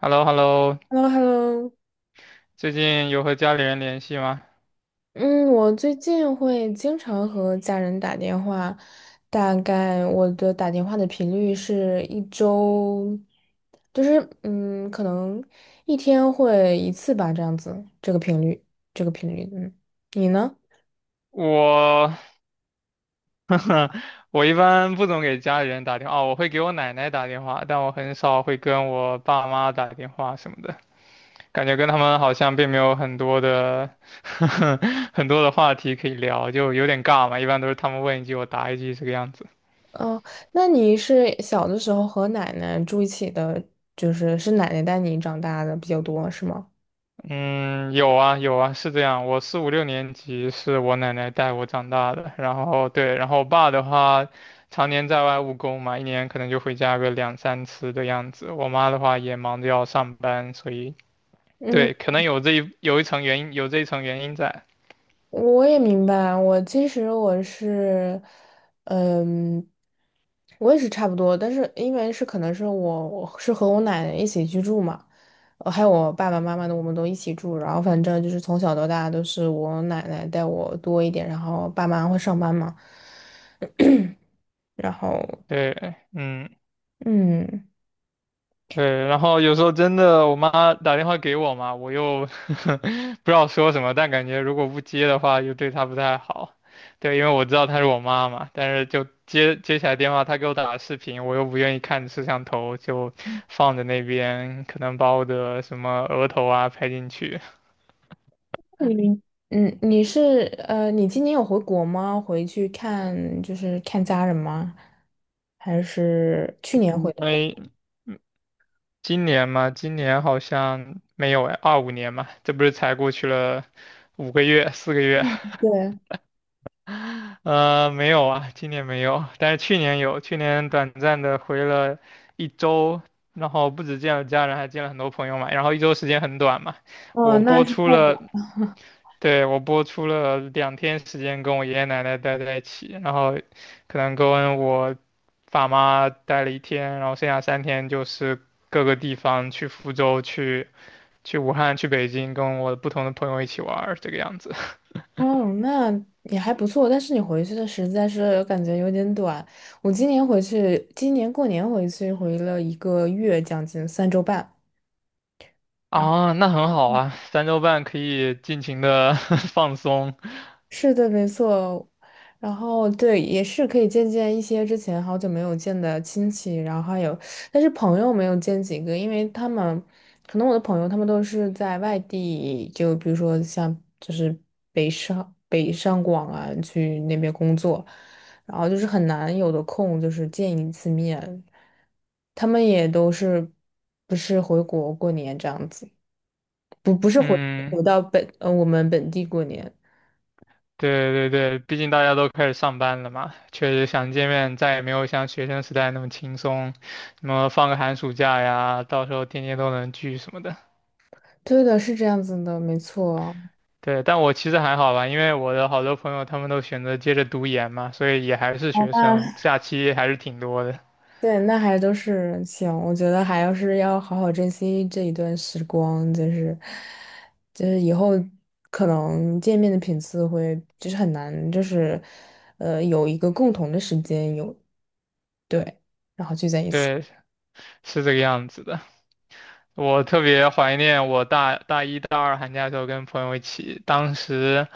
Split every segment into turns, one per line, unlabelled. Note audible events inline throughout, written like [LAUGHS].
h e l l o h e l l o。
h e l l o h e l l o
最近有和家里人联系吗？
嗯，我最近会经常和家人打电话，大概我的打电话的频率是一周，就是可能一天会一次吧，这样子，这个频率，这个频率，嗯，你呢？
我，[LAUGHS] 我一般不总给家里人打电话，哦我会给我奶奶打电话，但我很少会跟我爸妈打电话什么的。感觉跟他们好像并没有很多的 [LAUGHS]，很多的话题可以聊，就有点尬嘛。一般都是他们问一句，我答一句这个样子。
哦，那你是小的时候和奶奶住一起的，就是是奶奶带你长大的比较多，是吗？
嗯，有啊有啊，是这样。我四五六年级是我奶奶带我长大的，然后对，然后我爸的话，常年在外务工嘛，一年可能就回家个两三次的样子。我妈的话也忙着要上班，所以
嗯。
对，可能有一层原因，有这一层原因在。
我也明白，我其实我是，嗯，我也是差不多，但是因为是可能是我是和我奶奶一起居住嘛，还有我爸爸妈妈的，我们都一起住，然后反正就是从小到大都是我奶奶带我多一点，然后爸妈会上班嘛，然后
对，嗯。
嗯
对，然后有时候真的，我妈打电话给我嘛，我又 [LAUGHS] 不知道说什么，但感觉如果不接的话，又对她不太好。对，因为我知道她是我妈嘛，但是就接起来电话，她给我打视频，我又不愿意看摄像头，就放在那边，可能把我的什么额头啊拍进去。
你嗯，你是呃，你今年有回国吗？回去看就是看家人吗？还是去年回
因
的国？
为今年嘛，今年好像没有哎，二五年嘛，这不是才过去了5个月、4个月。
嗯对。
呃，没有啊，今年没有，但是去年有，去年短暂的回了一周，然后不止见了家人，还见了很多朋友嘛，然后一周时间很短嘛。
哦，
我
那
播
是
出
太短。
了，对，我播出了2天时间跟我爷爷奶奶待在一起，然后可能跟我爸妈待了一天，然后剩下3天就是各个地方去福州、去武汉、去北京，跟我不同的朋友一起玩儿，这个样子。
哦，那也还不错，但是你回去的实在是感觉有点短。我今年回去，今年过年回去回了一个月，将近三周半。然后。
啊，那很好啊，3周半可以尽情的 [LAUGHS] 放松。
是的，没错。然后对，也是可以见见一些之前好久没有见的亲戚，然后还有，但是朋友没有见几个，因为他们可能我的朋友他们都是在外地，就比如说像就是北上广啊，去那边工作，然后就是很难有的空就是见一次面，他们也都是不是回国过年这样子，不是
嗯，
回到我们本地过年。
对对对，毕竟大家都开始上班了嘛，确实想见面再也没有像学生时代那么轻松，什么放个寒暑假呀，到时候天天都能聚什么的。
对的，是这样子的，没错。
对，但我其实还好吧，因为我的好多朋友他们都选择接着读研嘛，所以也还是
好
学
吧，那
生，假期还是挺多的。
对，那还都是行，我觉得还要是要好好珍惜这一段时光，就是以后可能见面的频次会就是很难，就是有一个共同的时间有对，然后聚在一起。
对，是这个样子的。我特别怀念我大一、大二寒假的时候跟朋友一起，当时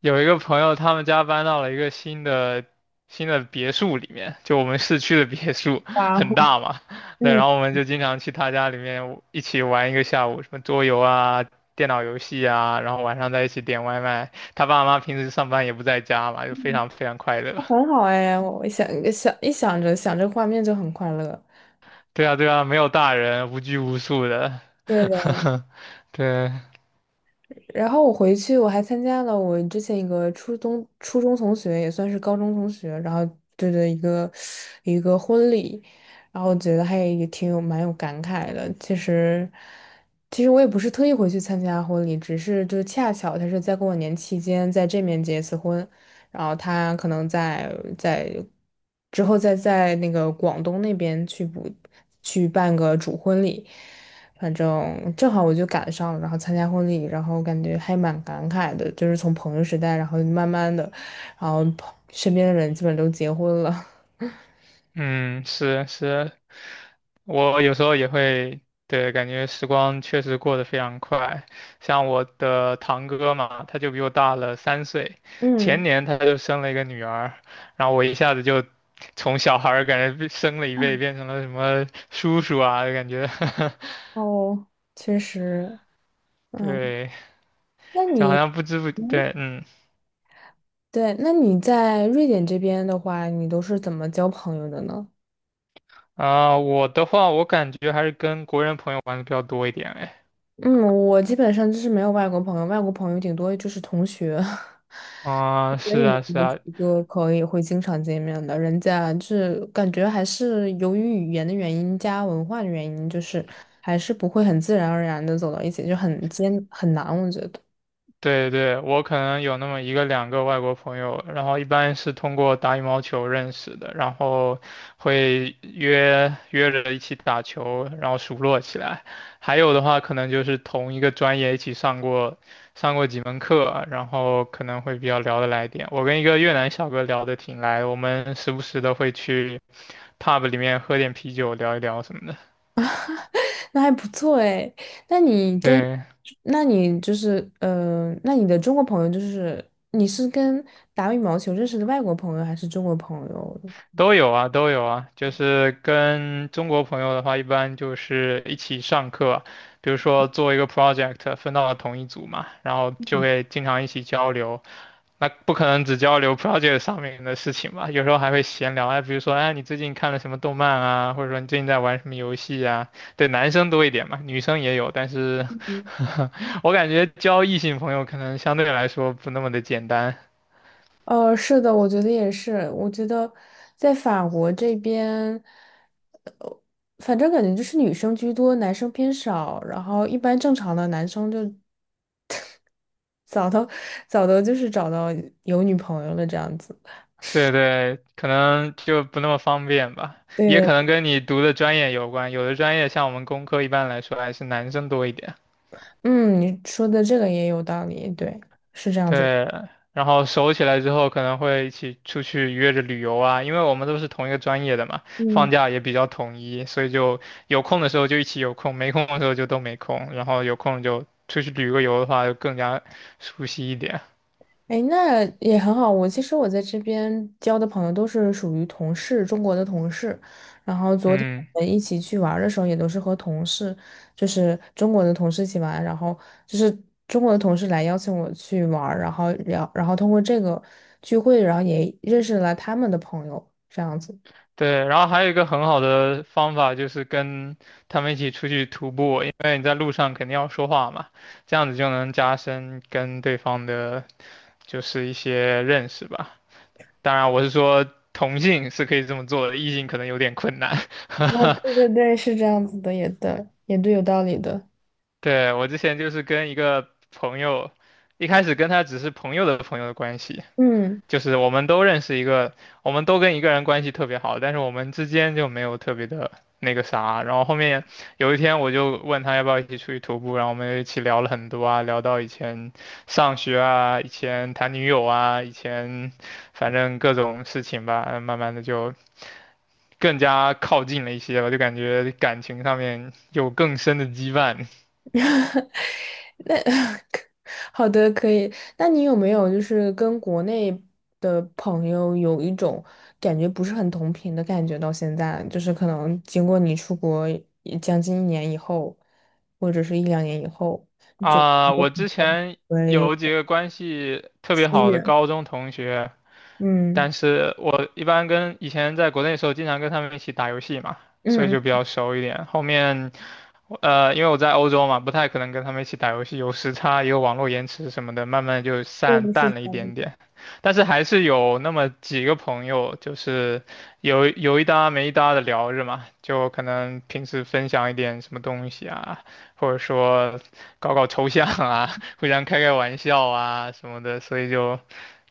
有一个朋友，他们家搬到了一个新的别墅里面，就我们市区的别墅，
哇，
很大嘛。对，
嗯，
然后我们就经常去他家里面一起玩一个下午，什么桌游啊、电脑游戏啊，然后晚上在一起点外卖。他爸妈平时上班也不在家嘛，就非常非常快乐。
很好哎，我想想一想着想着画面就很快乐。
对啊，对啊，没有大人，无拘无束的。
对。
[LAUGHS] 对。
然后我回去，我还参加了我之前一个初中同学，也算是高中同学，然后对的一个婚礼，然后我觉得还也挺有蛮有感慨的。其实，其实我也不是特意回去参加婚礼，只是就恰巧他是在过年期间在这面结一次婚，然后他可能在之后再在那个广东那边去去办个主婚礼。反正正好我就赶上了，然后参加婚礼，然后感觉还蛮感慨的，就是从朋友时代，然后慢慢的，然后朋身边的人基本都结婚了。[LAUGHS]
嗯，是是，我有时候也会，对，感觉时光确实过得非常快。像我的堂哥嘛，他就比我大了3岁，
嗯，
前年他就生了一个女儿，然后我一下子就从小孩儿感觉被升了一辈，变成了什么叔叔啊，就感觉，
哦，确实，
[LAUGHS]
嗯，
对，
那
就
你，
好像不知不，
嗯，
对，嗯。
对，那你在瑞典这边的话，你都是怎么交朋友的呢？
啊、我的话，我感觉还是跟国人朋友玩的比较多一点，哎。
嗯，我基本上就是没有外国朋友，外国朋友顶多就是同学，[LAUGHS]
啊、
所
是
以没
啊，是
有
啊，
几个可以会经常见面的。人家就是感觉还是由于语言的原因加文化的原因，就是还是不会很自然而然的走到一起，就很艰很难，我觉得。
对对，我可能有那么一个两个外国朋友，然后一般是通过打羽毛球认识的，然后会约着一起打球，然后熟络起来。还有的话，可能就是同一个专业一起上过几门课，然后可能会比较聊得来一点。我跟一个越南小哥聊得挺来，我们时不时的会去 pub 里面喝点啤酒，聊一聊什么的。
那还不错哎，那你跟，
对，
那你就是那你的中国朋友就是你是跟打羽毛球认识的外国朋友还是中国朋友？
都有啊，都有啊，就是跟中国朋友的话，一般就是一起上课，比如说做一个 project，分到了同一组嘛，然后就会经常一起交流。那不可能只交流 project 上面的事情吧，有时候还会闲聊，哎，比如说，哎，你最近看了什么动漫啊，或者说你最近在玩什么游戏啊？对，男生多一点嘛，女生也有，但是 [LAUGHS] 我感觉交异性朋友可能相对来说不那么的简单。
是的，我觉得也是。我觉得在法国这边，反正感觉就是女生居多，男生偏少。然后一般正常的男生就 [LAUGHS] 早都早都就是找到有女朋友了这样子。
对对，可能就不那么方便吧，
对
也可
的，
能跟你读的专业有关。有的专业像我们工科，一般来说还是男生多一点。
嗯，你说的这个也有道理，对，是这样子。
对，然后熟起来之后，可能会一起出去约着旅游啊，因为我们都是同一个专业的嘛，放
嗯。
假也比较统一，所以就有空的时候就一起有空，没空的时候就都没空，然后有空就出去旅个游的话，就更加熟悉一点。
哎，那也很好。我其实我在这边交的朋友都是属于同事，中国的同事。然后昨天
嗯。
我们一起去玩儿的时候，也都是和同事，就是中国的同事一起玩。就是中国的同事来邀请我去玩儿然后聊，然后通过这个聚会，然后也认识了他们的朋友，这样子。
对，然后还有一个很好的方法就是跟他们一起出去徒步，因为你在路上肯定要说话嘛，这样子就能加深跟对方的，就是一些认识吧。当然，我是说同性是可以这么做的，异性可能有点困难。
哦，
[LAUGHS]
对对对，是这样子的，也对，也对，有道理的。
对，我之前就是跟一个朋友，一开始跟他只是朋友的朋友的关系，
嗯。
就是我们都认识一个，我们都跟一个人关系特别好，但是我们之间就没有特别的那个啥。然后后面有一天我就问他要不要一起出去徒步，然后我们就一起聊了很多啊，聊到以前上学啊，以前谈女友啊，以前反正各种事情吧，慢慢的就更加靠近了一些吧，就感觉感情上面有更深的羁绊
[LAUGHS] 那 [LAUGHS] 好的，可以。那你有没有就是跟国内的朋友有一种感觉不是很同频的感觉？到现在，就是可能经过你出国也将近一年以后，或者是一两年以后，
啊。
你的
我
朋
之
友
前
会有
有几个关系特别
疏
好的
远。
高中同学。
嗯
但是我一般跟以前在国内的时候，经常跟他们一起打游戏嘛，所以
嗯，
就比
嗯
较熟一点。后面因为我在欧洲嘛，不太可能跟他们一起打游戏，有时差，也有网络延迟什么的，慢慢就
对，
散
是
淡了一
这样
点
子。
点。但是还是有那么几个朋友，就是有一搭没一搭的聊着嘛，就可能平时分享一点什么东西啊，或者说搞搞抽象啊，[LAUGHS] 互相开开玩笑啊什么的，所以就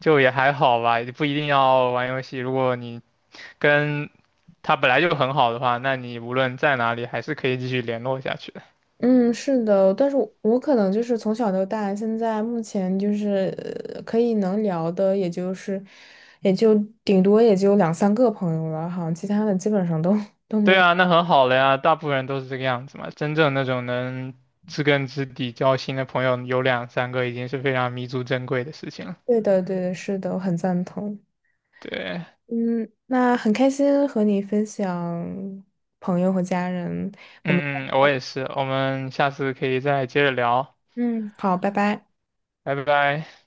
就也还好吧，也不一定要玩游戏。如果你跟他本来就很好的话，那你无论在哪里还是可以继续联络下去的。
嗯，是的，但是我可能就是从小到大，现在目前就是可以能聊的，也就是也就顶多也就两三个朋友了，好像其他的基本上都 [LAUGHS]
对啊，那很好了呀，大部分人都是这个样子嘛。真正那种能知根知底交心的朋友有两三个，已经是非常弥足珍贵的事情了。
对的，对的，是的，我很赞同。
对，
嗯，那很开心和你分享朋友和家人，我们
嗯嗯，我也是，我们下次可以再接着聊，
嗯，好，拜拜。
拜拜。